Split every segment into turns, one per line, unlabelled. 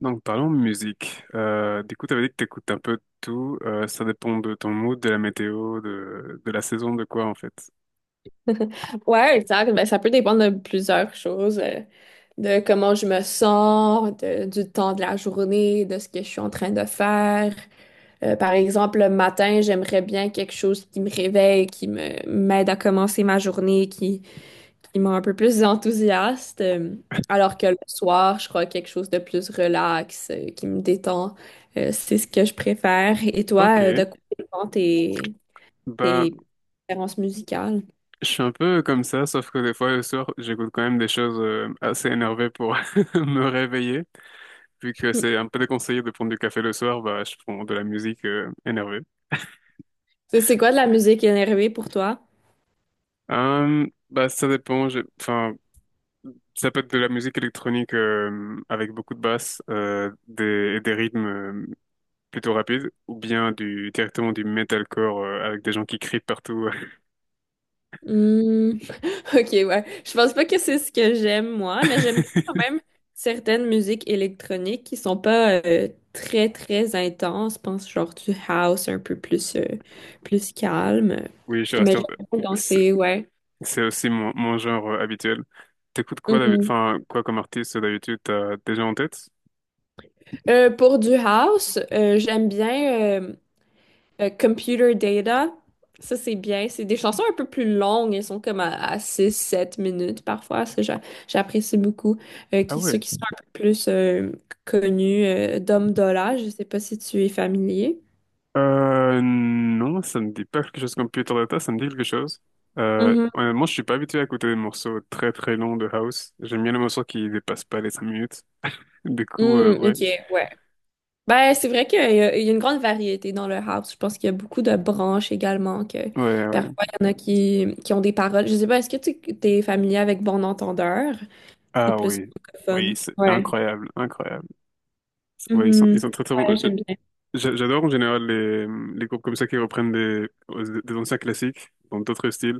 Donc parlons musique. T'avais dit que t'écoutes un peu de tout. Ça dépend de ton mood, de la météo, de la saison, de quoi en fait.
Ouais, exact. Ben, ça peut dépendre de plusieurs choses, de comment je me sens, du temps de la journée, de ce que je suis en train de faire. Par exemple, le matin, j'aimerais bien quelque chose qui me réveille, qui me m'aide à commencer ma journée, qui me un peu plus enthousiaste. Alors que le soir, je crois quelque chose de plus relax, qui me détend. C'est ce que je préfère. Et toi, de
Ok.
quoi dépend
Bah,
tes préférences musicales?
je suis un peu comme ça, sauf que des fois le soir, j'écoute quand même des choses assez énervées pour me réveiller. Vu que c'est un peu déconseillé de prendre du café le soir, bah, je prends de la musique énervée.
C'est quoi de la musique énervée pour toi?
Ça dépend. Enfin, ça peut être de la musique électronique avec beaucoup de basses et des rythmes plutôt rapides, ou bien directement du metalcore avec des gens qui crient partout.
Hmm, ok, ouais. Je pense pas que c'est ce que j'aime moi, mais j'aime bien quand même certaines musiques électroniques qui sont pas très très intenses. Je pense genre du house un peu plus plus calme.
Oui, je suis
Mais
resté...
j'aime bien danser ouais.
C'est aussi mon genre habituel. T'écoutes quoi,
Mhm.
enfin, quoi comme artiste d'habitude, t'as déjà en tête?
Pour du house, j'aime bien. Computer Data, ça c'est bien. C'est des chansons un peu plus longues. Elles sont comme à, six, sept minutes parfois. J'apprécie beaucoup.
Ah
Ceux
ouais.
qui sont un peu plus connus, Dom Dolla, je sais pas si tu es familier.
Non, ça me dit pas quelque chose comme Peter Data, ça me dit quelque chose.
Mhm.
Honnêtement, je suis pas habitué à écouter des morceaux très très longs de house. J'aime bien les morceaux qui dépassent pas les 5 minutes.
Mm,
Ouais.
ok, ouais. Ben, c'est vrai il y a une grande variété dans le house. Je pense qu'il y a beaucoup de branches également, que
Ouais, ouais.
parfois il y en a qui ont des paroles. Je sais pas, est-ce que tu es familier avec Bon Entendeur? C'est
Ah
plus
oui. Oui,
francophone.
c'est
Ouais.
incroyable, incroyable. Ouais,
Mhm.
ils sont très très bons.
Ouais, j'aime bien.
J'adore en général les groupes comme ça qui reprennent des anciens classiques dans d'autres styles.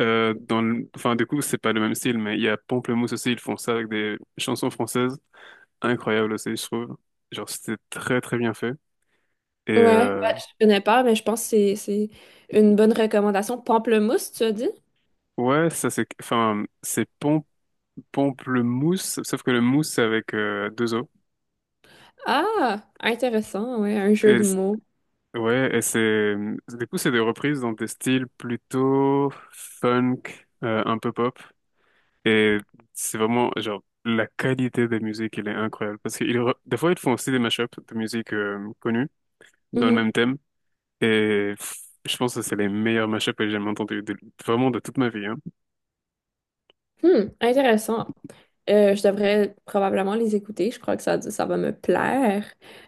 Enfin, du coup, c'est pas le même style, mais il y a Pamplemousse aussi, ils font ça avec des chansons françaises. Incroyable aussi, je trouve. Genre, c'était très très bien fait. Et
Ouais, bah,
euh,
je connais pas, mais je pense que c'est une bonne recommandation. Pamplemousse, tu as dit?
ouais, ça c'est... Enfin, c'est pom Pamplemousse, sauf que le mousse c'est avec deux O.
Ah, intéressant, ouais, un jeu
Et
de
c-
mots.
ouais, et c'est... Du coup, c'est des reprises dans des styles plutôt funk, un peu pop. Et c'est vraiment, genre... La qualité des musiques, elle est incroyable. Parce que des fois, ils font aussi des mashups de musique connue dans le
Mhm.
même thème. Et pff, je pense que c'est les meilleurs mashups que j'ai jamais entendus, vraiment de toute ma vie. Hein.
Hmm, intéressant. Je devrais probablement les écouter. Je crois que ça va me plaire.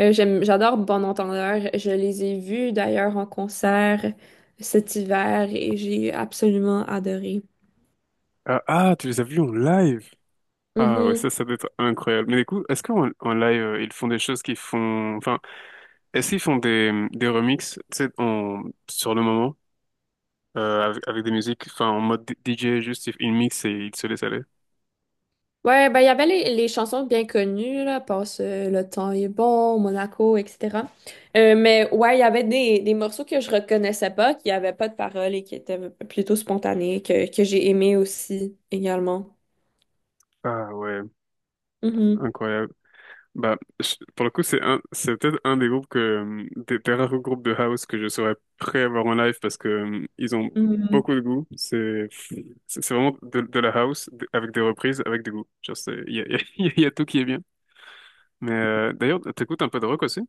J'adore Bon Entendeur. Je les ai vus d'ailleurs en concert cet hiver et j'ai absolument adoré.
Ah, ah, tu les as vus en live? Ah ouais,
Mm-hmm.
ça doit être incroyable. Mais du coup, est-ce qu'en en live, ils font des choses qui font... Enfin, est-ce qu'ils font des remixes, tu sais, en... sur le moment? Avec avec des musiques, enfin en mode DJ, juste il mixe et il se laisse aller.
Ouais, ben, il y avait les chansons bien connues, là, Passe le temps est bon, Monaco, etc. Mais ouais, il y avait des morceaux que je reconnaissais pas, qui n'avaient pas de paroles et qui étaient plutôt spontanés, que j'ai aimé aussi, également.
Ah ouais,
Mhm,
incroyable. Pour le coup, c'est peut-être un des groupes des rares groupes de house que je serais prêt à voir en live parce que, ils ont
mhm.
beaucoup de goût. C'est vraiment de la house avec des reprises, avec du goût. Genre, c'est, il y a, il y a tout qui est bien. Mais, d'ailleurs, t'écoutes un peu de rock aussi?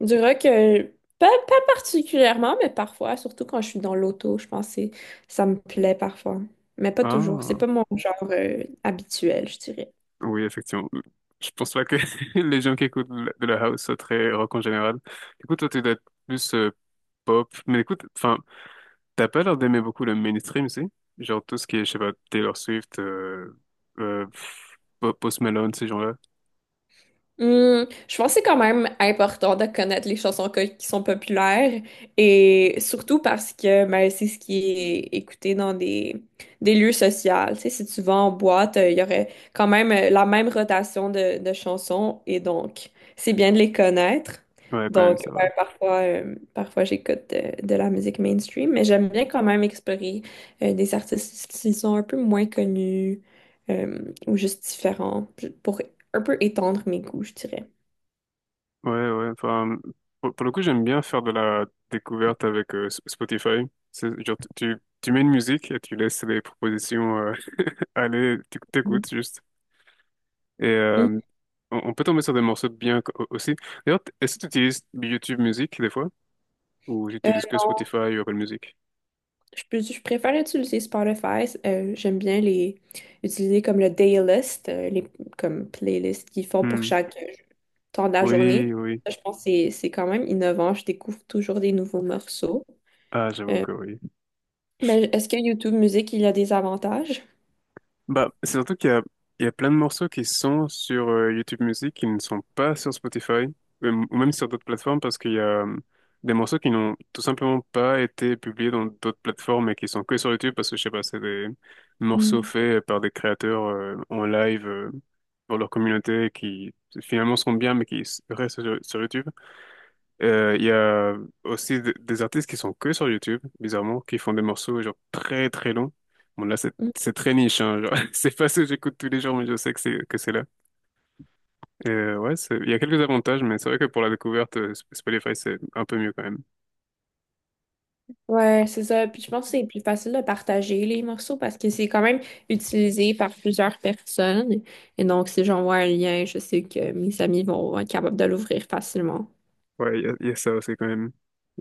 Du rock, pas particulièrement, mais parfois, surtout quand je suis dans l'auto, je pense que ça me plaît parfois. Mais pas toujours. C'est
Ah,
pas mon genre, habituel, je dirais.
oui, effectivement. Je pense pas que les gens qui écoutent de la house soient très rock en général. Écoute, toi, tu dois être plus, pop. Mais écoute, enfin, t'as pas l'air d'aimer beaucoup le mainstream, si? Genre tout ce qui est, je sais pas, Taylor Swift, Post Malone, ces gens-là.
Hmm, je pense que c'est quand même important de connaître les chansons qui sont populaires et surtout parce que ben, c'est ce qui est écouté dans des lieux sociaux. Tu sais, si tu vas en boîte, il y aurait quand même la même rotation de chansons et donc c'est bien de les connaître.
Ouais, quand même,
Donc
c'est vrai.
ouais, parfois j'écoute de la musique mainstream, mais j'aime bien quand même explorer des artistes qui sont un peu moins connus ou juste différents pour un peu étendre mes goûts, je dirais.
Ouais, ouais, enfin, pour le coup, j'aime bien faire de la découverte avec Spotify. C'est, genre, tu mets une musique et tu laisses les propositions aller, tu
Mm.
t'écoutes juste. Et
Mm.
on peut tomber sur des morceaux aussi. D'ailleurs, est-ce que tu utilises YouTube Music des fois? Ou tu utilises que
Non,
Spotify ou Apple Music?
je, peux- Je préfère utiliser Spotify. J'aime bien les utiliser comme le daylist, les comme playlist qu'ils font pour
Hmm.
chaque temps de la journée.
Oui, oui.
Ça, je pense que c'est quand même innovant. Je découvre toujours des nouveaux morceaux.
Ah, j'avoue
Euh,
que oui.
mais est-ce que YouTube Music, il y a des avantages?
Bah, c'est surtout il y a plein de morceaux qui sont sur YouTube Music qui ne sont pas sur Spotify ou même sur d'autres plateformes parce qu'il y a des morceaux qui n'ont tout simplement pas été publiés dans d'autres plateformes et qui sont que sur YouTube parce que je sais pas, c'est des morceaux
Mm.
faits par des créateurs en live pour leur communauté qui finalement sont bien mais restent sur YouTube. Il y a aussi des artistes qui sont que sur YouTube, bizarrement, qui font des morceaux genre très très longs. Bon là c'est
Mm.
c'est très niche, hein, genre, c'est pas ce que j'écoute tous les jours, mais je sais que c'est là. Il y a quelques avantages, mais c'est vrai que pour la découverte, Spotify c'est un peu mieux quand même.
Ouais, c'est ça. Puis je pense que c'est plus facile de partager les morceaux parce que c'est quand même utilisé par plusieurs personnes. Et donc, si j'envoie un lien, je sais que mes amis vont être capables de l'ouvrir facilement.
Ouais, il y a ça aussi quand même.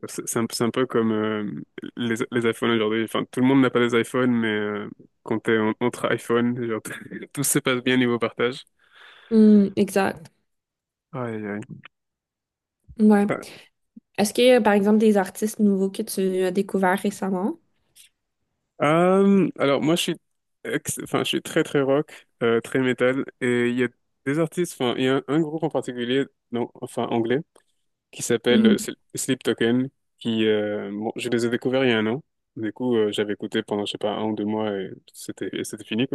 C'est un peu comme les iPhones aujourd'hui. Enfin, tout le monde n'a pas des iPhones, mais entre iPhone genre, tout se passe bien niveau partage.
Mm, exact.
Aïe, aïe.
Ouais.
Ah,
Est-ce qu'il y a, par exemple, des artistes nouveaux que tu as découverts récemment?
alors moi je suis, enfin je suis très très rock, très métal, et il y a des artistes, enfin il y a un groupe en particulier, non, enfin anglais, qui s'appelle
Mhm,
Sleep Token, je les ai découverts il y a un an, j'avais écouté pendant je sais pas un ou deux mois et c'était fini.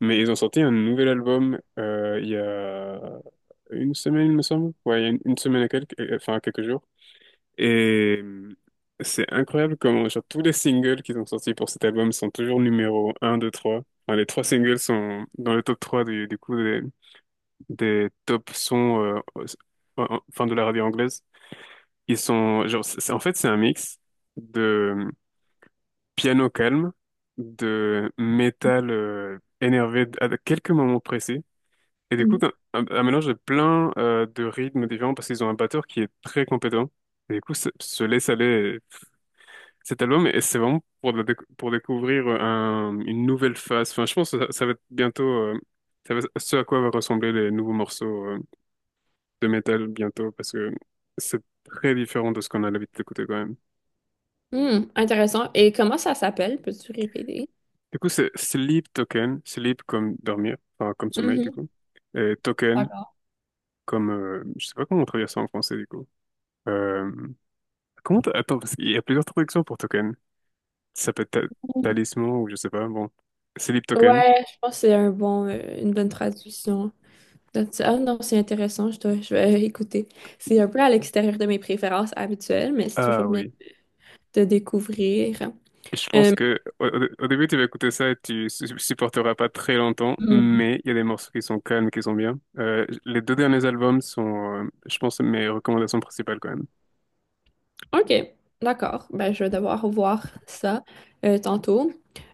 Mais ils ont sorti un nouvel album il y a une semaine, il me semble. Ouais, il y a une semaine et quelques, enfin quelques jours. Et c'est incroyable comment genre, tous les singles qu'ils ont sortis pour cet album sont toujours numéro un deux trois. Enfin, les trois singles sont dans le top 3 des des top sons enfin, de la radio anglaise. Ils sont genre en fait c'est un mix de piano calme, de métal énervé à quelques moments précis. Et du coup,
mhm.
un mélange de plein de rythmes différents parce qu'ils ont un batteur qui est très compétent. Et du coup, se laisse aller cet album et c'est vraiment pour, pour découvrir une nouvelle phase. Enfin, je pense que ça va être bientôt ce à quoi va ressembler les nouveaux morceaux de métal bientôt parce que c'est très différent de ce qu'on a l'habitude d'écouter quand même.
Hmm, intéressant. Et comment ça s'appelle? Peux-tu répéter?
Du coup, c'est Sleep Token, Sleep comme dormir, enfin comme sommeil du
Mhm,
coup, et Token
d'accord.
comme je sais pas comment on traduit ça en français du coup. Euh, Attends, parce qu'il y a plusieurs traductions pour token. Ça peut être talisman ou je sais pas. Bon, c'est l'ip token.
Ouais, je pense que c'est un bon, une bonne traduction. Donc, ah non, c'est intéressant, je vais écouter. C'est un peu à l'extérieur de mes préférences habituelles, mais c'est toujours
Ah
bien
oui.
de découvrir.
Je pense
Euh,
que au, au début tu vas écouter ça et tu supporteras pas très longtemps,
mmh.
mais il y a des morceaux qui sont calmes, qui sont bien. Les deux derniers albums sont, je pense, mes recommandations principales quand même.
OK, d'accord. Ben, je vais devoir voir ça tantôt.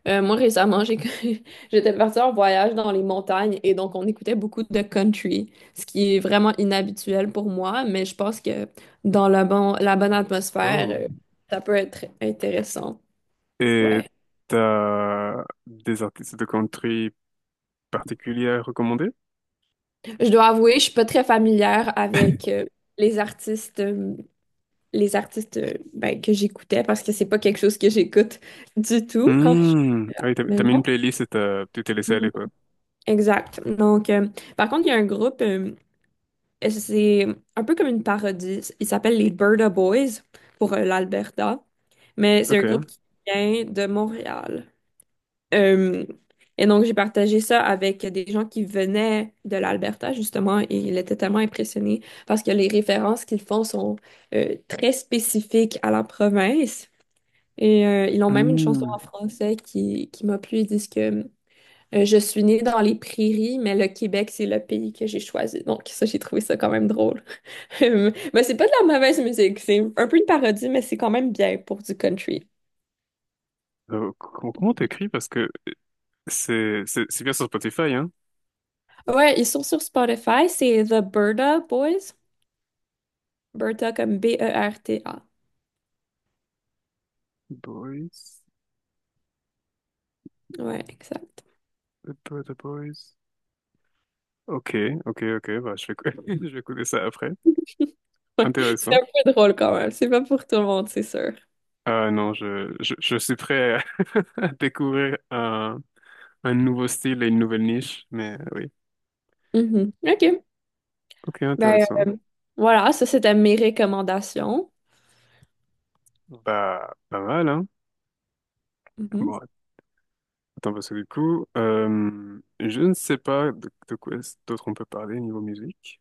Moi, récemment, j'ai... j'étais partie en voyage dans les montagnes et donc on écoutait beaucoup de country, ce qui est vraiment inhabituel pour moi, mais je pense que dans la, bon... la bonne atmosphère,
Oh.
ça peut être intéressant.
Et
Ouais.
t'as des artistes de country particuliers à recommander?
Je dois avouer, je suis pas très familière avec les artistes, euh, les artistes ben, que j'écoutais parce que c'est pas quelque chose que j'écoute du tout quand je suis
Hmm.
à
Ah oui,
la
t'as mis une
maison.
playlist et tu t'es laissé
Mhm.
aller, quoi.
Exact. Donc, par contre, il y a un groupe, et c'est un peu comme une parodie. Il s'appelle les Birda Boys pour l'Alberta, mais c'est un groupe
Ok.
qui vient de Montréal. Euh, et donc, j'ai partagé ça avec des gens qui venaient de l'Alberta, justement, et ils étaient tellement impressionnés parce que les références qu'ils font sont très spécifiques à la province. Et ils ont même une chanson en
Hmm.
français qui m'a plu. Ils disent que je suis née dans les prairies, mais le Québec, c'est le pays que j'ai choisi. Donc, ça, j'ai trouvé ça quand même drôle. Mais c'est pas de la mauvaise musique. C'est un peu une parodie, mais c'est quand même bien pour du country.
Comment t'écris? Parce que c'est bien sur Spotify, hein?
Ouais, ils sont sur Spotify. C'est The Berta Boys. Berta comme Berta.
Boys,
Ouais, exact.
the Boys. Ok, ok, ok. Bah, je vais écouter ça après.
Ouais, c'est
Intéressant.
un peu drôle quand même. C'est pas pour tout le monde, c'est sûr.
Ah non, je suis prêt à à découvrir un nouveau style et une nouvelle niche, mais oui.
Mhm. OK.
Ok,
Ben,
intéressant.
euh, voilà, ça, c'était mes recommandations.
Bah, pas mal, hein?
Mhm.
Bon, attends, parce que du coup, je ne sais pas de quoi est-ce d'autre on peut parler niveau musique.